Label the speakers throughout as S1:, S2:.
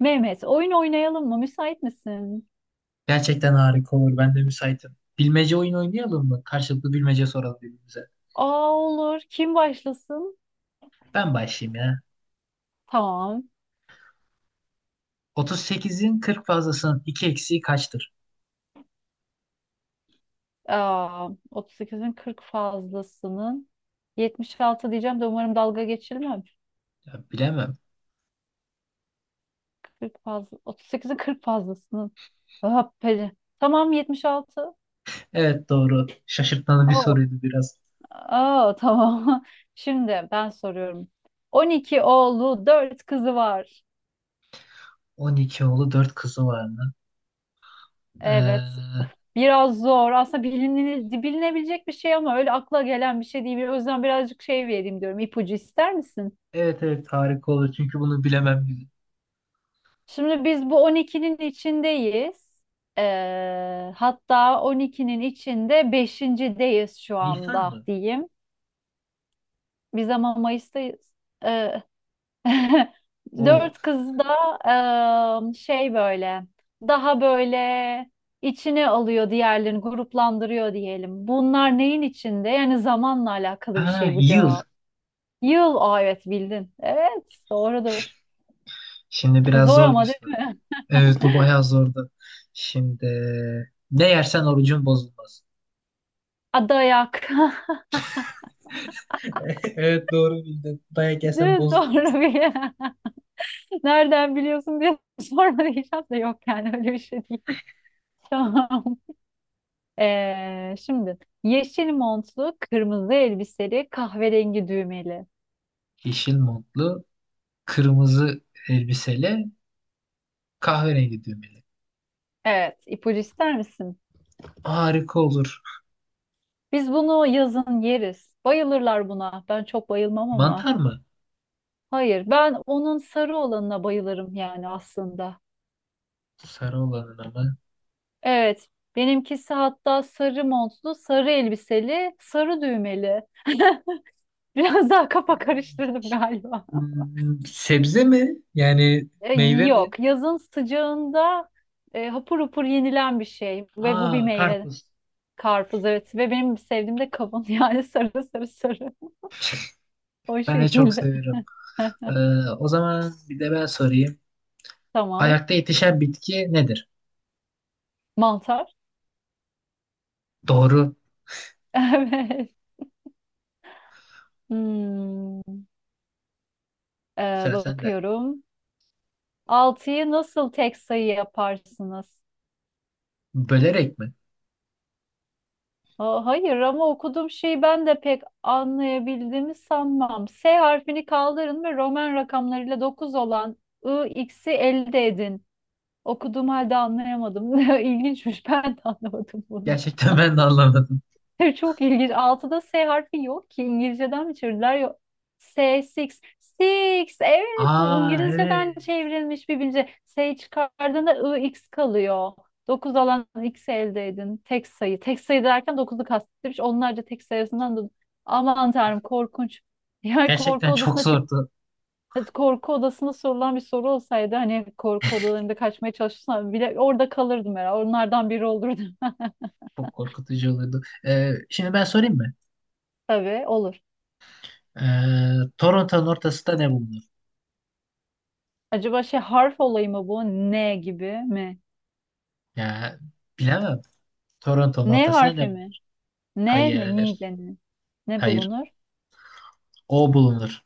S1: Mehmet, oyun oynayalım mı? Müsait misin?
S2: Gerçekten harika olur. Ben de müsaitim. Bilmece oyun oynayalım mı? Karşılıklı bilmece soralım birbirimize.
S1: Aa, olur. Kim başlasın?
S2: Ben başlayayım ya.
S1: Tamam.
S2: 38'in 40 fazlasının 2 eksiği kaçtır?
S1: Aa, 38'in 40 fazlasının 76 diyeceğim de umarım dalga geçilmem.
S2: Ya bilemem.
S1: 40 fazla, 38'in 40 fazlasının. Hoppeli. Tamam, 76.
S2: Evet doğru. Şaşırtmalı bir
S1: Oo.
S2: soruydu biraz.
S1: Aa, tamam. Şimdi ben soruyorum. 12 oğlu, 4 kızı var.
S2: 12 oğlu 4 kızı var mı?
S1: Evet.
S2: Ee,
S1: Biraz zor. Aslında bilinebilecek bir şey ama öyle akla gelen bir şey değil. O yüzden birazcık şey vereyim diyorum. İpucu ister misin?
S2: evet evet harika olur. Çünkü bunu bilemem. Gibi.
S1: Şimdi biz bu on ikinin içindeyiz. Hatta on ikinin içinde 5.deyiz şu
S2: Nisan
S1: anda
S2: mı?
S1: diyeyim. Biz ama Mayıs'tayız. Ee,
S2: Oo.
S1: Dört kız da şey, böyle daha böyle içine alıyor, diğerlerini gruplandırıyor diyelim. Bunlar neyin içinde? Yani zamanla alakalı bir
S2: Ha,
S1: şey bu
S2: yıl.
S1: cevap. Yıl, aa evet, bildin. Evet, doğrudur.
S2: Şimdi biraz
S1: Zor
S2: zor bir
S1: ama, değil
S2: soru.
S1: mi?
S2: Evet bu bayağı zordu. Şimdi ne yersen orucun bozulmaz.
S1: A, dayak.
S2: Evet doğru bildin. Dayak yesen
S1: Değil mi?
S2: bozulmaz.
S1: Doğru bir. Nereden biliyorsun diye sorma diyeceğim de yok, yani öyle bir şey değil. Tamam. Şimdi yeşil montlu, kırmızı elbiseli, kahverengi düğmeli.
S2: Yeşil montlu, kırmızı elbiseli, kahverengi düğmeli.
S1: Evet, ipucu ister misin?
S2: Harika olur.
S1: Biz bunu yazın yeriz. Bayılırlar buna. Ben çok bayılmam ama.
S2: Mantar mı?
S1: Hayır, ben onun sarı olanına bayılırım yani aslında.
S2: Sarı olanın ama.
S1: Evet, benimkisi hatta sarı montlu, sarı elbiseli, sarı düğmeli. Biraz daha kafa karıştırdım galiba.
S2: Hmm, sebze mi? Yani
S1: E,
S2: meyve mi?
S1: Yok, yazın sıcağında hapur hapur yenilen bir şey ve bu
S2: Aa
S1: bir meyve.
S2: karpuz.
S1: Karpuz, evet, ve benim sevdiğim de kavun yani sarı sarı sarı o
S2: Ben de çok
S1: şekilde.
S2: severim. O zaman bir de ben sorayım.
S1: Tamam.
S2: Ayakta yetişen bitki nedir?
S1: Mantar.
S2: Doğru.
S1: Evet. Hmm.
S2: Sıra sende.
S1: Bakıyorum. Altıyı nasıl tek sayı yaparsınız?
S2: Bölerek mi?
S1: Hayır, ama okuduğum şeyi ben de pek anlayabildiğimi sanmam. S harfini kaldırın ve Roman rakamlarıyla 9 olan I, X'i elde edin. Okuduğum halde anlayamadım. İlginçmiş. Ben de anlamadım bunu.
S2: Gerçekten ben de anlamadım.
S1: Çok ilginç. Altıda S harfi yok ki. İngilizceden mi çevirdiler? Yok. S, six. Six. Evet, bu
S2: Aa
S1: İngilizceden
S2: evet.
S1: çevrilmiş bir bilgi. S çıkardığında I, x kalıyor. 9 alan x'i elde edin. Tek sayı. Tek sayı derken 9'u kastetmiş. Onlarca tek sayısından da aman tanrım, korkunç. Yani korku
S2: Gerçekten çok
S1: odasına çık,
S2: zordu.
S1: korku odasında sorulan bir soru olsaydı, hani korku odalarında kaçmaya çalışsam bile orada kalırdım herhalde. Onlardan biri olurdum.
S2: Çok korkutucu olurdu. Şimdi ben sorayım mı?
S1: Tabii, olur.
S2: Toronto'nun ortasında ne bulunur?
S1: Acaba şey, harf olayı mı bu? N gibi mi?
S2: Ya bilemem. Toronto'nun
S1: N
S2: ortasında ne
S1: harfi mi?
S2: bulunur?
S1: N mi? Ni
S2: Hayır.
S1: denir. Ne
S2: Hayır.
S1: bulunur?
S2: O bulunur.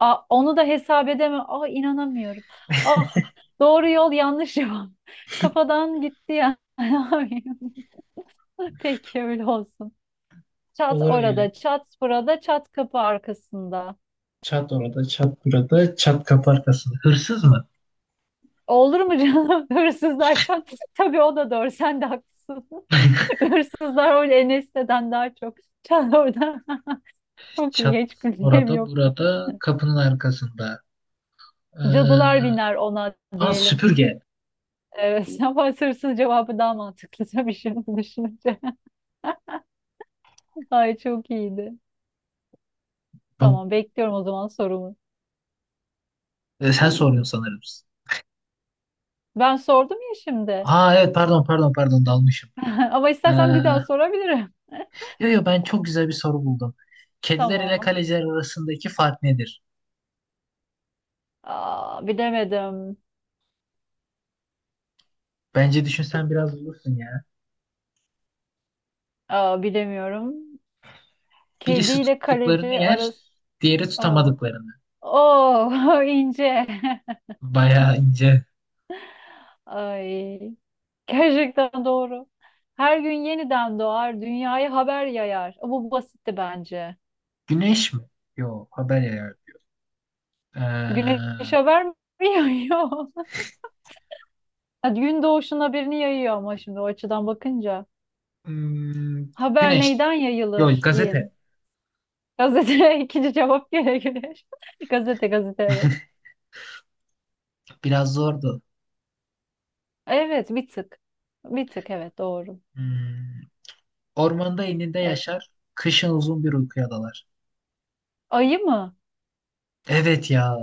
S1: Aa, onu da hesap edemem. Aa, inanamıyorum. Ah, doğru yol, yanlış yol. Kafadan gitti ya. Ne yapayım? Peki, öyle olsun. Çat
S2: Olur öyle.
S1: orada, çat burada, çat kapı arkasında.
S2: Çat orada, çat burada, çat kapı arkasında. Hırsız mı?
S1: Olur mu canım? Hırsızlar çat. Tabii, o da doğru. Sen de haklısın. Hırsızlar öyle Enes'ten daha çok. Çat orada. Çok
S2: Çat
S1: iyi. Hiç gülüm
S2: orada,
S1: yoktu.
S2: burada, kapının arkasında. Ee,
S1: Cadılar biner ona
S2: aa,
S1: diyelim.
S2: süpürge.
S1: Evet, ama sırsız cevabı daha mantıklı tabii şimdi düşününce. Ay, çok iyiydi.
S2: Çok-
S1: Tamam, bekliyorum o zaman sorumu.
S2: sen soruyorsun sanırım.
S1: Ben sordum ya şimdi.
S2: Aa evet, pardon, pardon, pardon, dalmışım.
S1: Ama
S2: Ee,
S1: istersen bir daha sorabilirim.
S2: Yo yo, ben çok güzel bir soru buldum. Kediler ile
S1: Tamam.
S2: kaleciler arasındaki fark nedir?
S1: Aa, bilemedim.
S2: Bence düşünsen biraz bulursun ya.
S1: Aa, bilemiyorum. Kedi
S2: Birisi
S1: ile
S2: tuttuklarını
S1: kaleci
S2: yer,
S1: arası.
S2: diğeri
S1: Oo.
S2: tutamadıklarını.
S1: Oh, ince.
S2: Bayağı ince.
S1: Ay. Gerçekten doğru. Her gün yeniden doğar, dünyaya haber yayar. Bu basitti bence.
S2: Güneş mi? Yo, haber ya.
S1: Güneş
S2: Ee,
S1: vermiyor. mi yayıyor? Ha, gün doğuşun haberini yayıyor ama şimdi o açıdan bakınca.
S2: hmm,
S1: Haber
S2: güneş.
S1: neyden
S2: Yo,
S1: yayılır
S2: gazete.
S1: diyelim. Gazete ikinci cevap gene güneş. Gazete gazete, evet.
S2: Biraz zordu.
S1: Evet, bir tık. Bir tık, evet, doğru.
S2: Hmm, ormanda ininde
S1: Evet.
S2: yaşar, kışın uzun bir uykuya dalar.
S1: Ayı mı?
S2: Evet ya.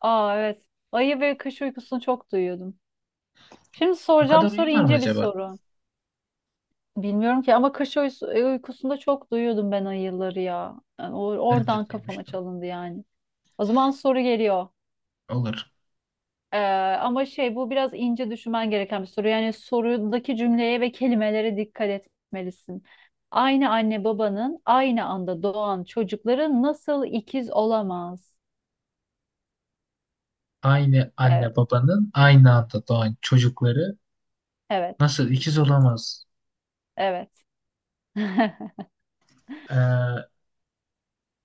S1: Aa, evet. Ayı ve kış uykusunu çok duyuyordum. Şimdi
S2: O
S1: soracağım
S2: kadar
S1: soru
S2: uyuyorlar mı
S1: ince bir
S2: acaba?
S1: soru. Bilmiyorum ki, ama uykusunda çok duyuyordum ben ayıları ya. Yani
S2: Ben de
S1: oradan kafama
S2: duymuştum.
S1: çalındı yani. O zaman soru geliyor.
S2: Olur.
S1: Ee, Ama şey, bu biraz ince düşünmen gereken bir soru. Yani sorudaki cümleye ve kelimelere dikkat etmelisin. Aynı anne babanın aynı anda doğan çocukları nasıl ikiz olamaz?
S2: Aynı
S1: Evet,
S2: anne babanın aynı anda doğan çocukları
S1: evet,
S2: nasıl ikiz olamaz?
S1: evet.
S2: Ee,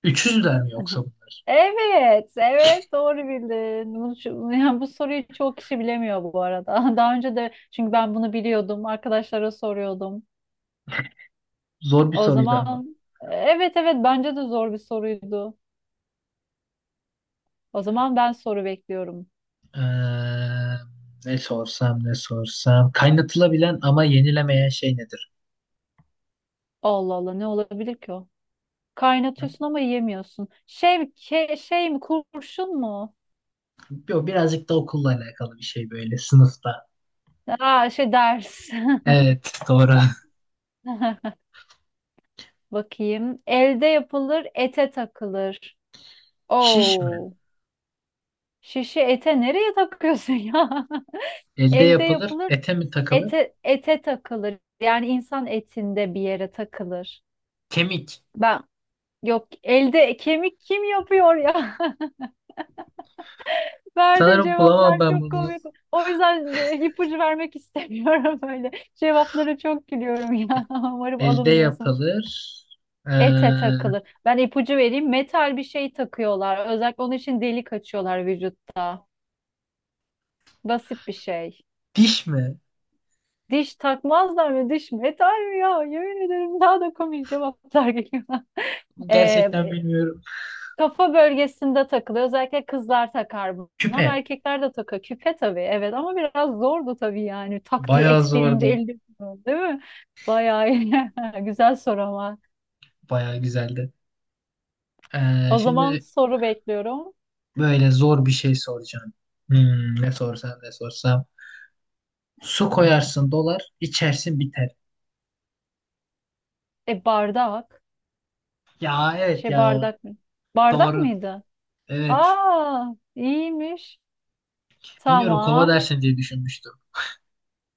S2: üçüzler mi yoksa bunlar?
S1: Evet, evet, doğru bildin. Yani bu soruyu çoğu kişi bilemiyor bu arada. Daha önce de çünkü ben bunu biliyordum, arkadaşlara soruyordum.
S2: Zor bir
S1: O
S2: soruydu ama.
S1: zaman evet evet, bence de zor bir soruydu. O zaman ben soru bekliyorum.
S2: Ee, ne sorsam ne sorsam. Kaynatılabilen ama yenilemeyen şey nedir?
S1: Allah Allah, ne olabilir ki o? Kaynatıyorsun ama yiyemiyorsun. Şey, şey mi, kurşun mu?
S2: Yo, birazcık da okulla alakalı bir şey, böyle sınıfta.
S1: Aa şey, ders.
S2: Evet doğru.
S1: Bakayım. Elde yapılır, ete takılır.
S2: Şiş mi?
S1: Oo. Şişe ete nereye takıyorsun ya?
S2: Elde
S1: Elde
S2: yapılır,
S1: yapılır,
S2: ete mi takılır?
S1: ete takılır. Yani insan etinde bir yere takılır.
S2: Kemik.
S1: Ben, yok, elde kemik kim yapıyor ya? Verdiğin
S2: Sanırım
S1: cevaplar
S2: bulamam ben
S1: çok
S2: bunu.
S1: komik. O yüzden ipucu vermek istemiyorum öyle. Cevapları çok gülüyorum ya. Umarım
S2: Elde
S1: alınmıyorsun.
S2: yapılır. Ee,
S1: Ete takılır. Ben ipucu vereyim. Metal bir şey takıyorlar. Özellikle onun için delik açıyorlar vücutta. Basit bir şey.
S2: diş mi?
S1: Diş takmazlar mı? Diş metal mi ya? Yemin ederim daha da komik cevaplar geliyor.
S2: Gerçekten bilmiyorum.
S1: Kafa bölgesinde takılıyor. Özellikle kızlar takar bunu ama
S2: Küpe
S1: erkekler de takar. Küpe, tabii, evet, ama biraz zordu tabii yani. Tak diye
S2: bayağı
S1: et deyince
S2: zordu.
S1: elde, değil mi? Bayağı iyi. Güzel soru ama.
S2: Bayağı güzeldi. Ee,
S1: O zaman
S2: şimdi
S1: soru bekliyorum.
S2: böyle zor bir şey soracağım. Hmm, ne sorsam ne sorsam. Su koyarsın dolar, içersin biter.
S1: E, bardak.
S2: Ya evet
S1: Şey,
S2: ya.
S1: bardak mı? Bardak
S2: Doğru.
S1: mıydı?
S2: Evet.
S1: Aa, iyiymiş.
S2: Bilmiyorum kova
S1: Tamam.
S2: dersin diye düşünmüştüm.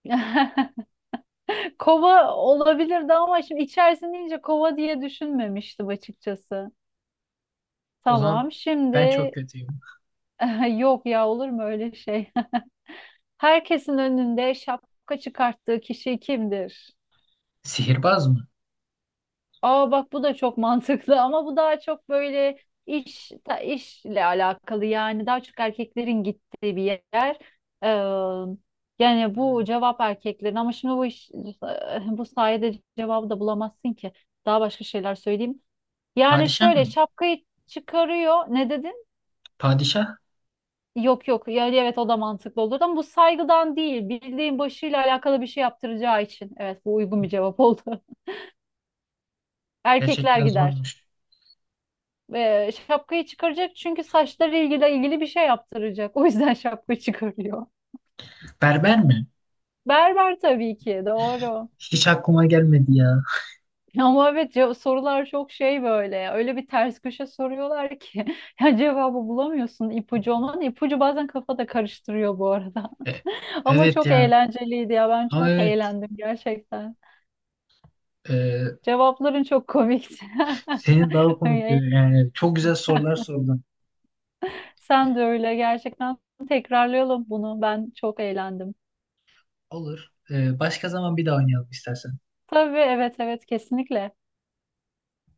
S1: Kova olabilirdi ama şimdi içerisinde deyince kova diye düşünmemiştim açıkçası.
S2: O zaman
S1: Tamam
S2: ben
S1: şimdi
S2: çok kötüyüm.
S1: Yok ya, olur mu öyle şey? Herkesin önünde şapka çıkarttığı kişi kimdir?
S2: Sihirbaz mı?
S1: Aa bak, bu da çok mantıklı ama bu daha çok böyle işle alakalı, yani daha çok erkeklerin gittiği bir yer. Ee, Yani bu cevap erkeklerin ama şimdi bu iş, bu sayede cevabı da bulamazsın ki. Daha başka şeyler söyleyeyim. Yani
S2: Padişah
S1: şöyle
S2: mı?
S1: şapkayı çıkarıyor. Ne dedin?
S2: Padişah?
S1: Yok yok, yani evet o da mantıklı olur ama bu saygıdan değil, bildiğin başıyla alakalı bir şey yaptıracağı için, evet bu uygun bir cevap oldu. Erkekler
S2: Gerçekten
S1: gider.
S2: zormuş.
S1: Şapkayı çıkaracak çünkü saçları ilgili bir şey yaptıracak. O yüzden şapka çıkarıyor.
S2: Berber mi?
S1: Berber, tabii ki, doğru.
S2: Hiç aklıma gelmedi ya.
S1: Ama evet sorular çok şey böyle. Öyle bir ters köşe soruyorlar ki ya cevabı bulamıyorsun ipucu olmanın. İpucu bazen kafada karıştırıyor bu arada.
S2: E,
S1: Ama
S2: evet
S1: çok
S2: ya.
S1: eğlenceliydi ya, ben
S2: Ama
S1: çok
S2: evet.
S1: eğlendim gerçekten.
S2: Ee,
S1: Cevapların çok komikti.
S2: Senin daha komikti.
S1: Öyle.
S2: Yani çok güzel sorular sordun.
S1: Sen de öyle gerçekten, tekrarlayalım bunu. Ben çok eğlendim.
S2: Olur. Başka zaman bir daha oynayalım istersen.
S1: Tabii, evet evet, kesinlikle.